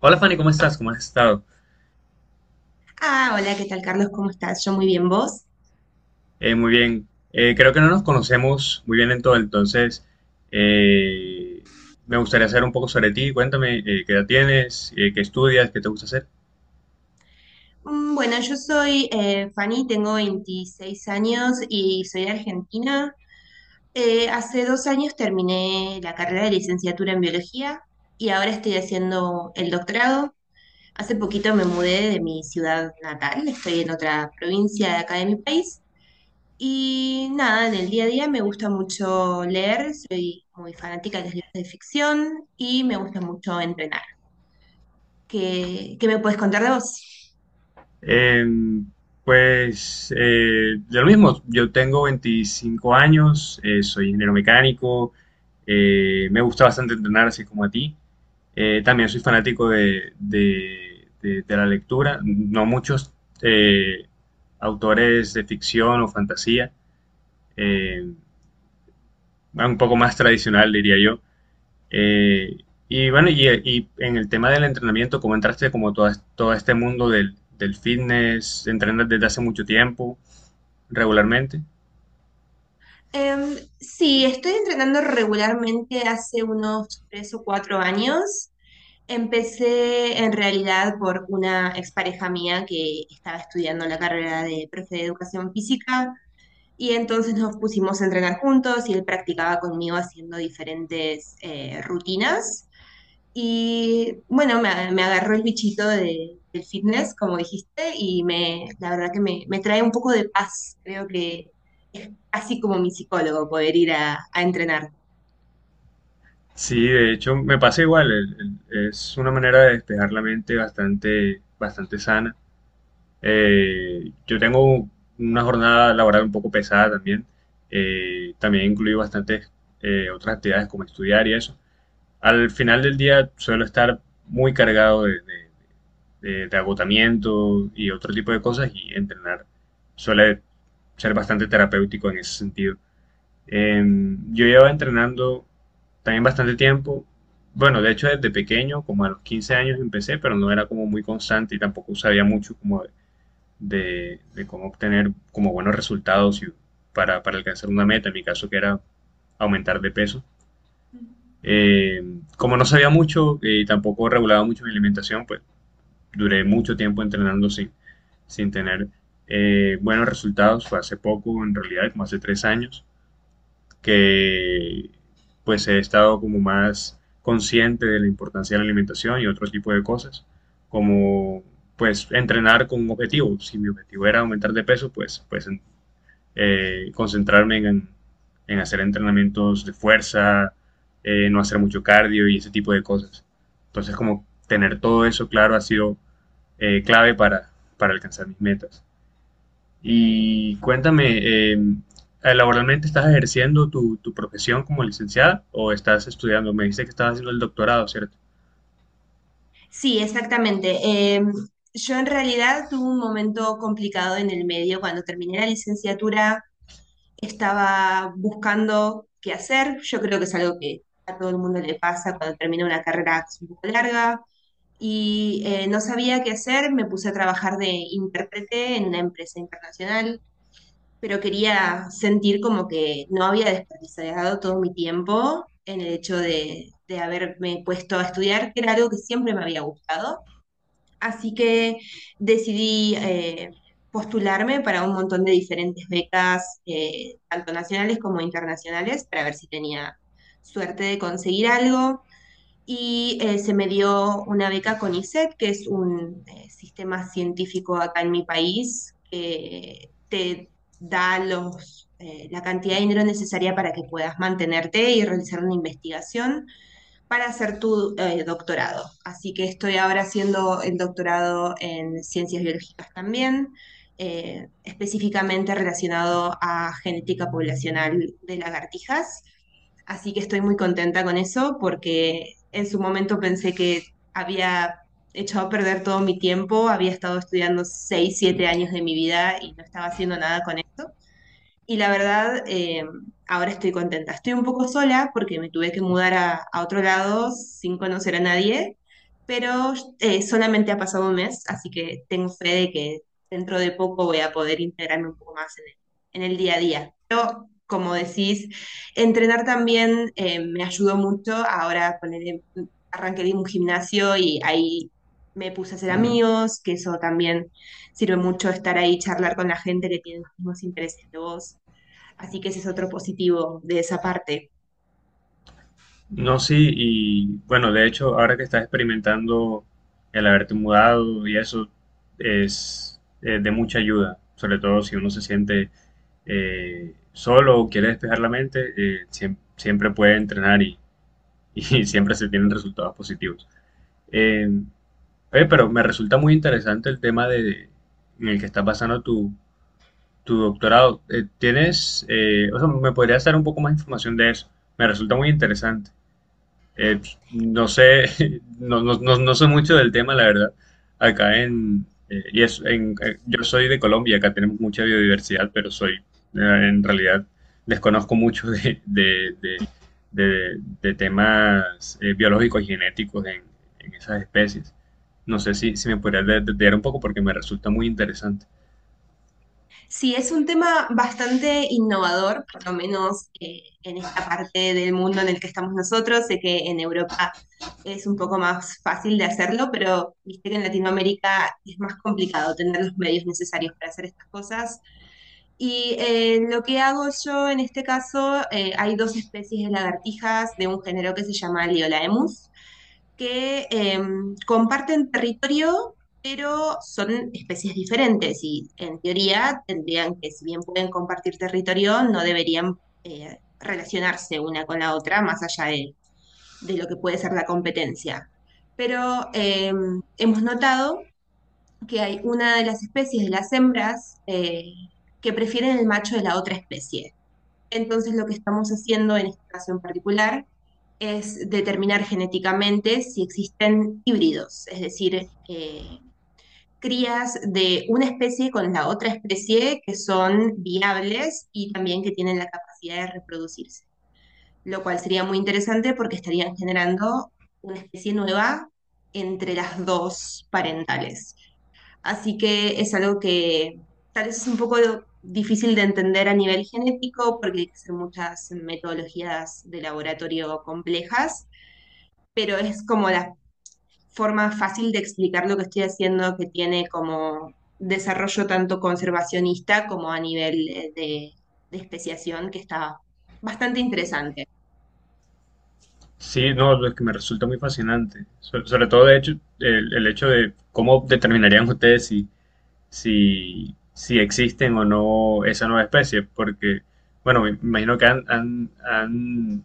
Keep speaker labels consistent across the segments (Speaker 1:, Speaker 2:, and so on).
Speaker 1: Hola Fanny, ¿cómo estás? ¿Cómo has estado?
Speaker 2: Ah, hola, ¿qué tal, Carlos? ¿Cómo estás? Yo muy bien, ¿vos?
Speaker 1: Muy bien. Creo que no nos conocemos muy bien en todo, entonces eh, me gustaría saber un poco sobre ti. Cuéntame, ¿qué edad tienes? ¿Qué estudias? ¿Qué te gusta hacer?
Speaker 2: Bueno, yo soy Fanny, tengo 26 años y soy de Argentina. Hace 2 años terminé la carrera de licenciatura en biología y ahora estoy haciendo el doctorado. Hace poquito me mudé de mi ciudad natal, estoy en otra provincia de acá de mi país. Y nada, en el día a día me gusta mucho leer, soy muy fanática de los libros de ficción y me gusta mucho entrenar. ¿Qué me puedes contar de vos?
Speaker 1: Em, pues de lo mismo, yo tengo 25 años, soy ingeniero mecánico, me gusta bastante entrenar así como a ti. También soy fanático de la lectura, no muchos eh, autores de ficción o fantasía, eh, un poco más tradicional diría yo. Eh, y en el tema del entrenamiento, ¿cómo entraste como todo este mundo del fitness? ¿Entrenas desde hace mucho tiempo, regularmente?
Speaker 2: Sí, estoy entrenando regularmente hace unos 3 o 4 años. Empecé en realidad por una expareja mía que estaba estudiando la carrera de profe de educación física y entonces nos pusimos a entrenar juntos y él practicaba conmigo haciendo diferentes rutinas. Y bueno, me agarró el bichito del fitness, como dijiste, la verdad que me trae un poco de paz. Creo que es casi como mi psicólogo poder ir a entrenar.
Speaker 1: Sí, de hecho me pasa igual, es una manera de despejar la mente bastante, bastante sana. Yo tengo una jornada laboral un poco pesada también, también incluye bastantes otras actividades como estudiar y eso. Al final del día suelo estar muy cargado de agotamiento y otro tipo de cosas, y entrenar suele ser bastante terapéutico en ese sentido. Yo llevaba entrenando también bastante tiempo. Bueno, de hecho desde pequeño, como a los 15 años empecé, pero no era como muy constante y tampoco sabía mucho como de cómo obtener como buenos resultados y para alcanzar una meta, en mi caso que era aumentar de peso. Eh, Como no sabía mucho y tampoco regulaba mucho mi alimentación, pues duré mucho tiempo entrenando sin, sin tener buenos resultados. Fue hace poco, en realidad, como hace tres años, que pues he estado como más consciente de la importancia de la alimentación y otro tipo de cosas, como pues entrenar con un objetivo. Si mi objetivo era aumentar de peso, pues concentrarme en hacer entrenamientos de fuerza, no hacer mucho cardio y ese tipo de cosas. Entonces, como tener todo eso claro ha sido clave para alcanzar mis metas. Y cuéntame, ¿laboralmente estás ejerciendo tu profesión como licenciada o estás estudiando? Me dice que estás haciendo el doctorado, ¿cierto?
Speaker 2: Sí, exactamente. Yo en realidad tuve un momento complicado en el medio cuando terminé la licenciatura. Estaba buscando qué hacer. Yo creo que es algo que a todo el mundo le pasa cuando termina una carrera un poco larga. Y no sabía qué hacer, me puse a trabajar de intérprete en una empresa internacional, pero quería sentir como que no había desperdiciado todo mi tiempo en el hecho de haberme puesto a estudiar, que era algo que siempre me había gustado. Así que decidí postularme para un montón de diferentes becas, tanto nacionales como internacionales, para ver si tenía suerte de conseguir algo. Y se me dio una beca con ISET, que es un sistema científico acá en mi país, que te da la cantidad de dinero necesaria para que puedas mantenerte y realizar una investigación para hacer tu doctorado. Así que estoy ahora haciendo el doctorado en ciencias biológicas también, específicamente relacionado a genética poblacional de lagartijas. Así que estoy muy contenta con eso porque en su momento pensé que había echado a perder todo mi tiempo, había estado estudiando 6, 7 años de mi vida y no estaba haciendo nada con esto. Y la verdad, ahora estoy contenta. Estoy un poco sola porque me tuve que mudar a otro lado sin conocer a nadie, pero solamente ha pasado un mes, así que tengo fe de que dentro de poco voy a poder integrarme un poco más en el día a día. Pero, como decís, entrenar también me ayudó mucho. Ahora arranqué en un gimnasio y ahí me puse a hacer amigos, que eso también sirve mucho estar ahí, charlar con la gente que tiene los mismos intereses que vos. Así que ese es otro positivo de esa parte.
Speaker 1: No, sí, y bueno, de hecho, ahora que estás experimentando el haberte mudado y eso es de mucha ayuda, sobre todo si uno se siente solo o quiere despejar la mente, siempre puede entrenar y, y siempre se tienen resultados positivos. Eh, Oye, pero me resulta muy interesante el tema de, en el que está pasando tu, tu doctorado. ¿Tienes, o sea, me podrías dar un poco más de información de eso? Me resulta muy interesante. Eh, no sé, no sé mucho del tema, la verdad. Acá en, yo soy de Colombia, acá tenemos mucha biodiversidad, pero soy, en realidad, desconozco mucho de temas biológicos y genéticos en esas especies. No sé si, si me podrías detallar un poco porque me resulta muy interesante.
Speaker 2: Sí, es un tema bastante innovador, por lo menos en esta parte del mundo en el que estamos nosotros. Sé que en Europa es un poco más fácil de hacerlo, pero viste que en Latinoamérica es más complicado tener los medios necesarios para hacer estas cosas. Y lo que hago yo en este caso, hay dos especies de lagartijas de un género que se llama Liolaemus que comparten territorio, pero son especies diferentes y en teoría tendrían que, si bien pueden compartir territorio, no deberían relacionarse una con la otra más allá de lo que puede ser la competencia. Pero hemos notado que hay una de las especies de las hembras que prefieren el macho de la otra especie. Entonces lo que estamos haciendo en este caso en particular es determinar genéticamente si existen híbridos, es decir, crías de una especie con la otra especie que son viables y también que tienen la capacidad de reproducirse, lo cual sería muy interesante porque estarían generando una especie nueva entre las dos parentales. Así que es algo que tal vez es un poco difícil de entender a nivel genético porque hay que hacer muchas metodologías de laboratorio complejas, pero es como la forma fácil de explicar lo que estoy haciendo que tiene como desarrollo tanto conservacionista como a nivel de especiación, que está bastante interesante.
Speaker 1: Sí, no, lo que me resulta muy fascinante. Sobre todo, de hecho, el hecho de cómo determinarían ustedes si si existen o no esa nueva especie, porque, bueno, me imagino que han, han- han,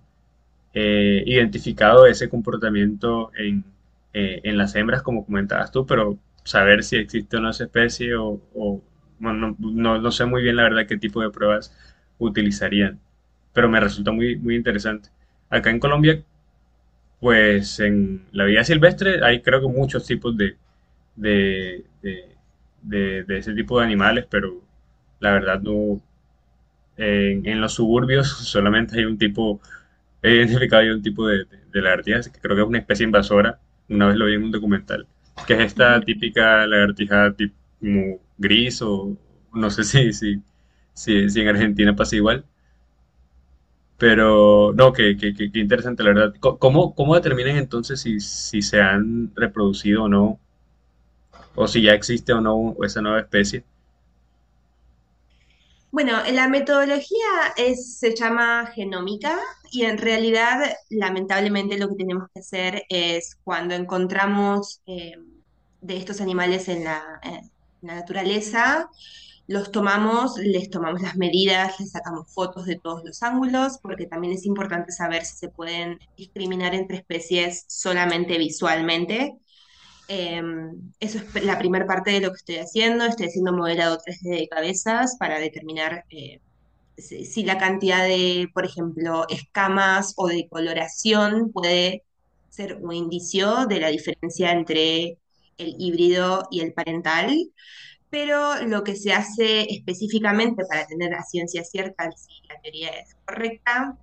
Speaker 1: eh, identificado ese comportamiento en las hembras, como comentabas tú, pero saber si existe o no esa especie, o, bueno, no sé muy bien la verdad qué tipo de pruebas utilizarían, pero me resulta muy, muy interesante. Acá en Colombia, pues en la vida silvestre hay creo que muchos tipos de, de, de ese tipo de animales, pero la verdad no. En los suburbios solamente hay un tipo, he identificado yo un tipo de lagartijas que creo que es una especie invasora, una vez lo vi en un documental, que es esta
Speaker 2: Ujú.
Speaker 1: típica lagartija tipo gris o no sé si en Argentina pasa igual, pero no, que interesante, la verdad. ¿Cómo, cómo determinan entonces si, si se han reproducido o no, o si ya existe o no esa nueva especie?
Speaker 2: Bueno, la metodología es, se llama genómica y en realidad, lamentablemente, lo que tenemos que hacer es cuando encontramos de estos animales en la naturaleza, los tomamos, les tomamos las medidas, les sacamos fotos de todos los ángulos, porque también es importante saber si se pueden discriminar entre especies solamente visualmente eh, eso es la primera parte de lo que estoy haciendo. Estoy haciendo modelado 3D de cabezas para determinar si la cantidad de, por ejemplo, escamas o de coloración puede ser un indicio de la diferencia entre el híbrido y el parental, pero lo que se hace específicamente para tener a ciencia cierta si la teoría es correcta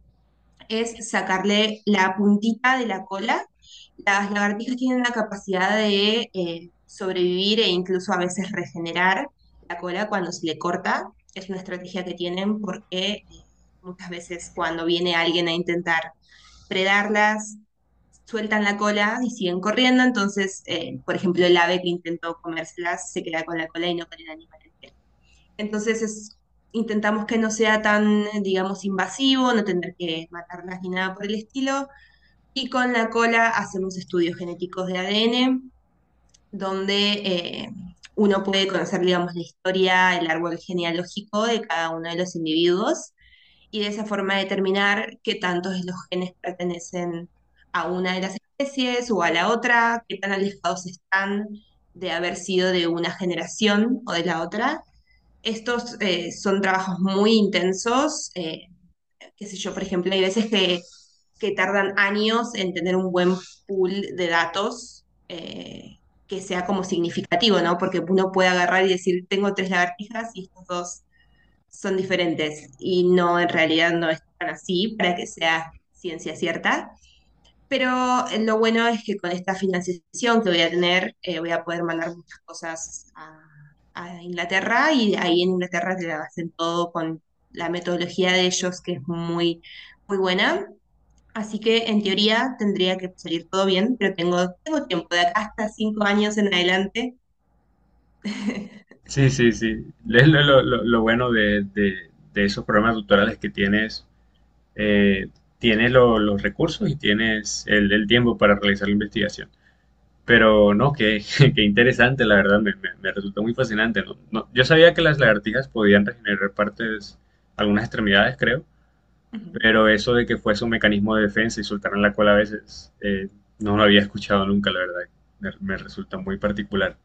Speaker 2: es sacarle la puntita de la cola. Las lagartijas tienen la capacidad de sobrevivir e incluso a veces regenerar la cola cuando se le corta. Es una estrategia que tienen porque muchas veces cuando viene alguien a intentar predarlas, sueltan la cola y siguen corriendo. Entonces, por ejemplo, el ave que intentó comérselas se queda con la cola y no con el animal. Entonces intentamos que no sea tan, digamos, invasivo, no tener que matarlas ni nada por el estilo. Y con la cola hacemos estudios genéticos de ADN, donde uno puede conocer, digamos, la historia, el árbol genealógico de cada uno de los individuos y de esa forma determinar qué tantos de los genes pertenecen a una de las especies o a la otra, qué tan alejados están de haber sido de una generación o de la otra. Estos son trabajos muy intensos, qué sé yo, por ejemplo, hay veces que tardan años en tener un buen pool de datos que sea como significativo, ¿no? Porque uno puede agarrar y decir, tengo tres lagartijas y estos dos son diferentes, y no, en realidad no es tan así para que sea ciencia cierta. Pero lo bueno es que con esta financiación que voy a tener, voy a poder mandar muchas cosas a Inglaterra y ahí en Inglaterra te la hacen todo con la metodología de ellos, que es muy, muy buena. Así que en teoría tendría que salir todo bien, pero tengo, tengo tiempo, de acá hasta 5 años en adelante.
Speaker 1: Sí, sí, sí. Es lo, lo bueno de esos programas tutoriales que tienes, eh, tienes los recursos y tienes el tiempo para realizar la investigación. Pero no, qué, qué interesante, la verdad, me, me resultó muy fascinante. Yo sabía que las lagartijas podían regenerar partes, algunas extremidades, creo, pero eso de que fuese un mecanismo de defensa y soltaran la cola a veces, no lo había escuchado nunca, la verdad. Me resulta muy particular.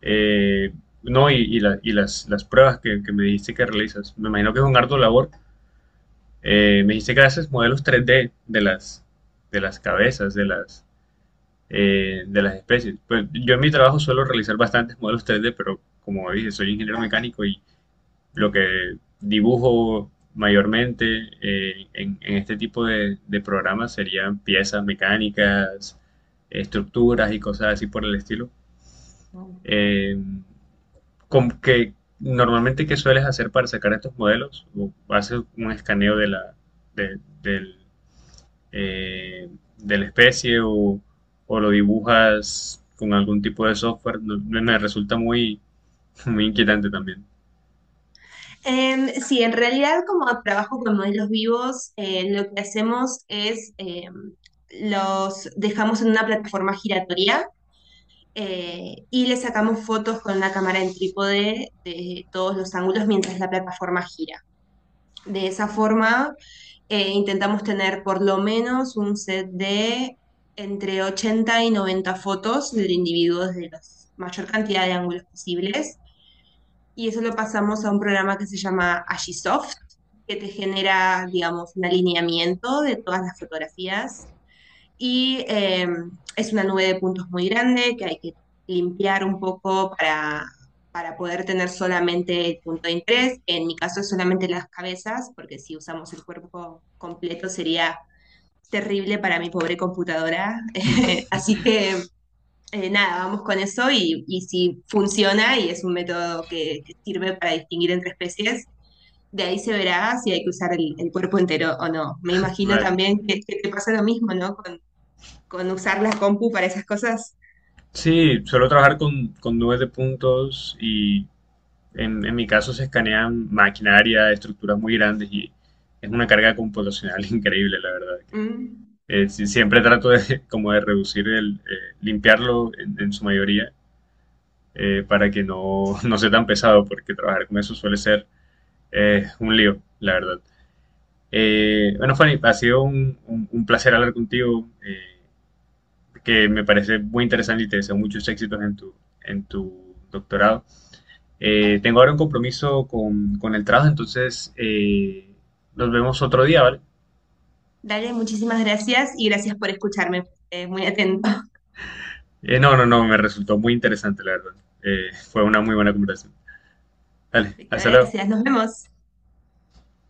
Speaker 1: Eh, no, y, la- y las pruebas que me dijiste que realizas. Me imagino que es un harto labor. Me dijiste que haces modelos 3D de las cabezas, de las especies. Pues yo en mi trabajo suelo realizar bastantes modelos 3D, pero como dije, soy ingeniero mecánico y lo que dibujo mayormente en este tipo de programas serían piezas mecánicas, estructuras y cosas así por el estilo.
Speaker 2: Ujú.
Speaker 1: Eh, Como que normalmente, ¿qué sueles hacer para sacar estos modelos? ¿O haces un escaneo de la, de, del, eh, de la especie o lo dibujas con algún tipo de software? Me resulta muy, muy inquietante también.
Speaker 2: Sí, en realidad como trabajo con modelos vivos, lo que hacemos es los dejamos en una plataforma giratoria y le sacamos fotos con la cámara en trípode de todos los ángulos mientras la plataforma gira. De esa forma intentamos tener por lo menos un set de entre 80 y 90 fotos del individuo desde la mayor cantidad de ángulos posibles y eso lo pasamos a un programa que se llama Agisoft, que te genera, digamos, un alineamiento de todas las fotografías y es una nube de puntos muy grande que hay que limpiar un poco para poder tener solamente el punto de interés. En mi caso es solamente las cabezas, porque si usamos el cuerpo completo sería terrible para mi pobre computadora. Así que nada, vamos con eso y si funciona y es un método que sirve para distinguir entre especies, de ahí se verá si hay que usar el cuerpo entero o no. Me imagino
Speaker 1: Vale.
Speaker 2: también que te pasa lo mismo, ¿no? Con usar la compu para esas cosas.
Speaker 1: Sí, suelo trabajar con nubes de puntos y en mi caso se escanean maquinaria, estructuras muy grandes y es una carga computacional increíble, la verdad.
Speaker 2: Mm.
Speaker 1: Sí, siempre trato de, como de reducir el, limpiarlo en su mayoría para que no, no sea tan pesado, porque trabajar con eso suele ser un lío, la verdad. Bueno, Fanny, ha sido un placer hablar contigo, que me parece muy interesante y te deseo muchos éxitos en tu doctorado. Tengo ahora un compromiso con el trabajo, entonces nos vemos otro día, ¿vale?
Speaker 2: Dale, muchísimas gracias y gracias por escucharme. Muy atento.
Speaker 1: No, no, no, Me resultó muy interesante, la verdad. Fue una muy buena conversación. Dale,
Speaker 2: Perfecto,
Speaker 1: hasta luego.
Speaker 2: gracias. Nos vemos.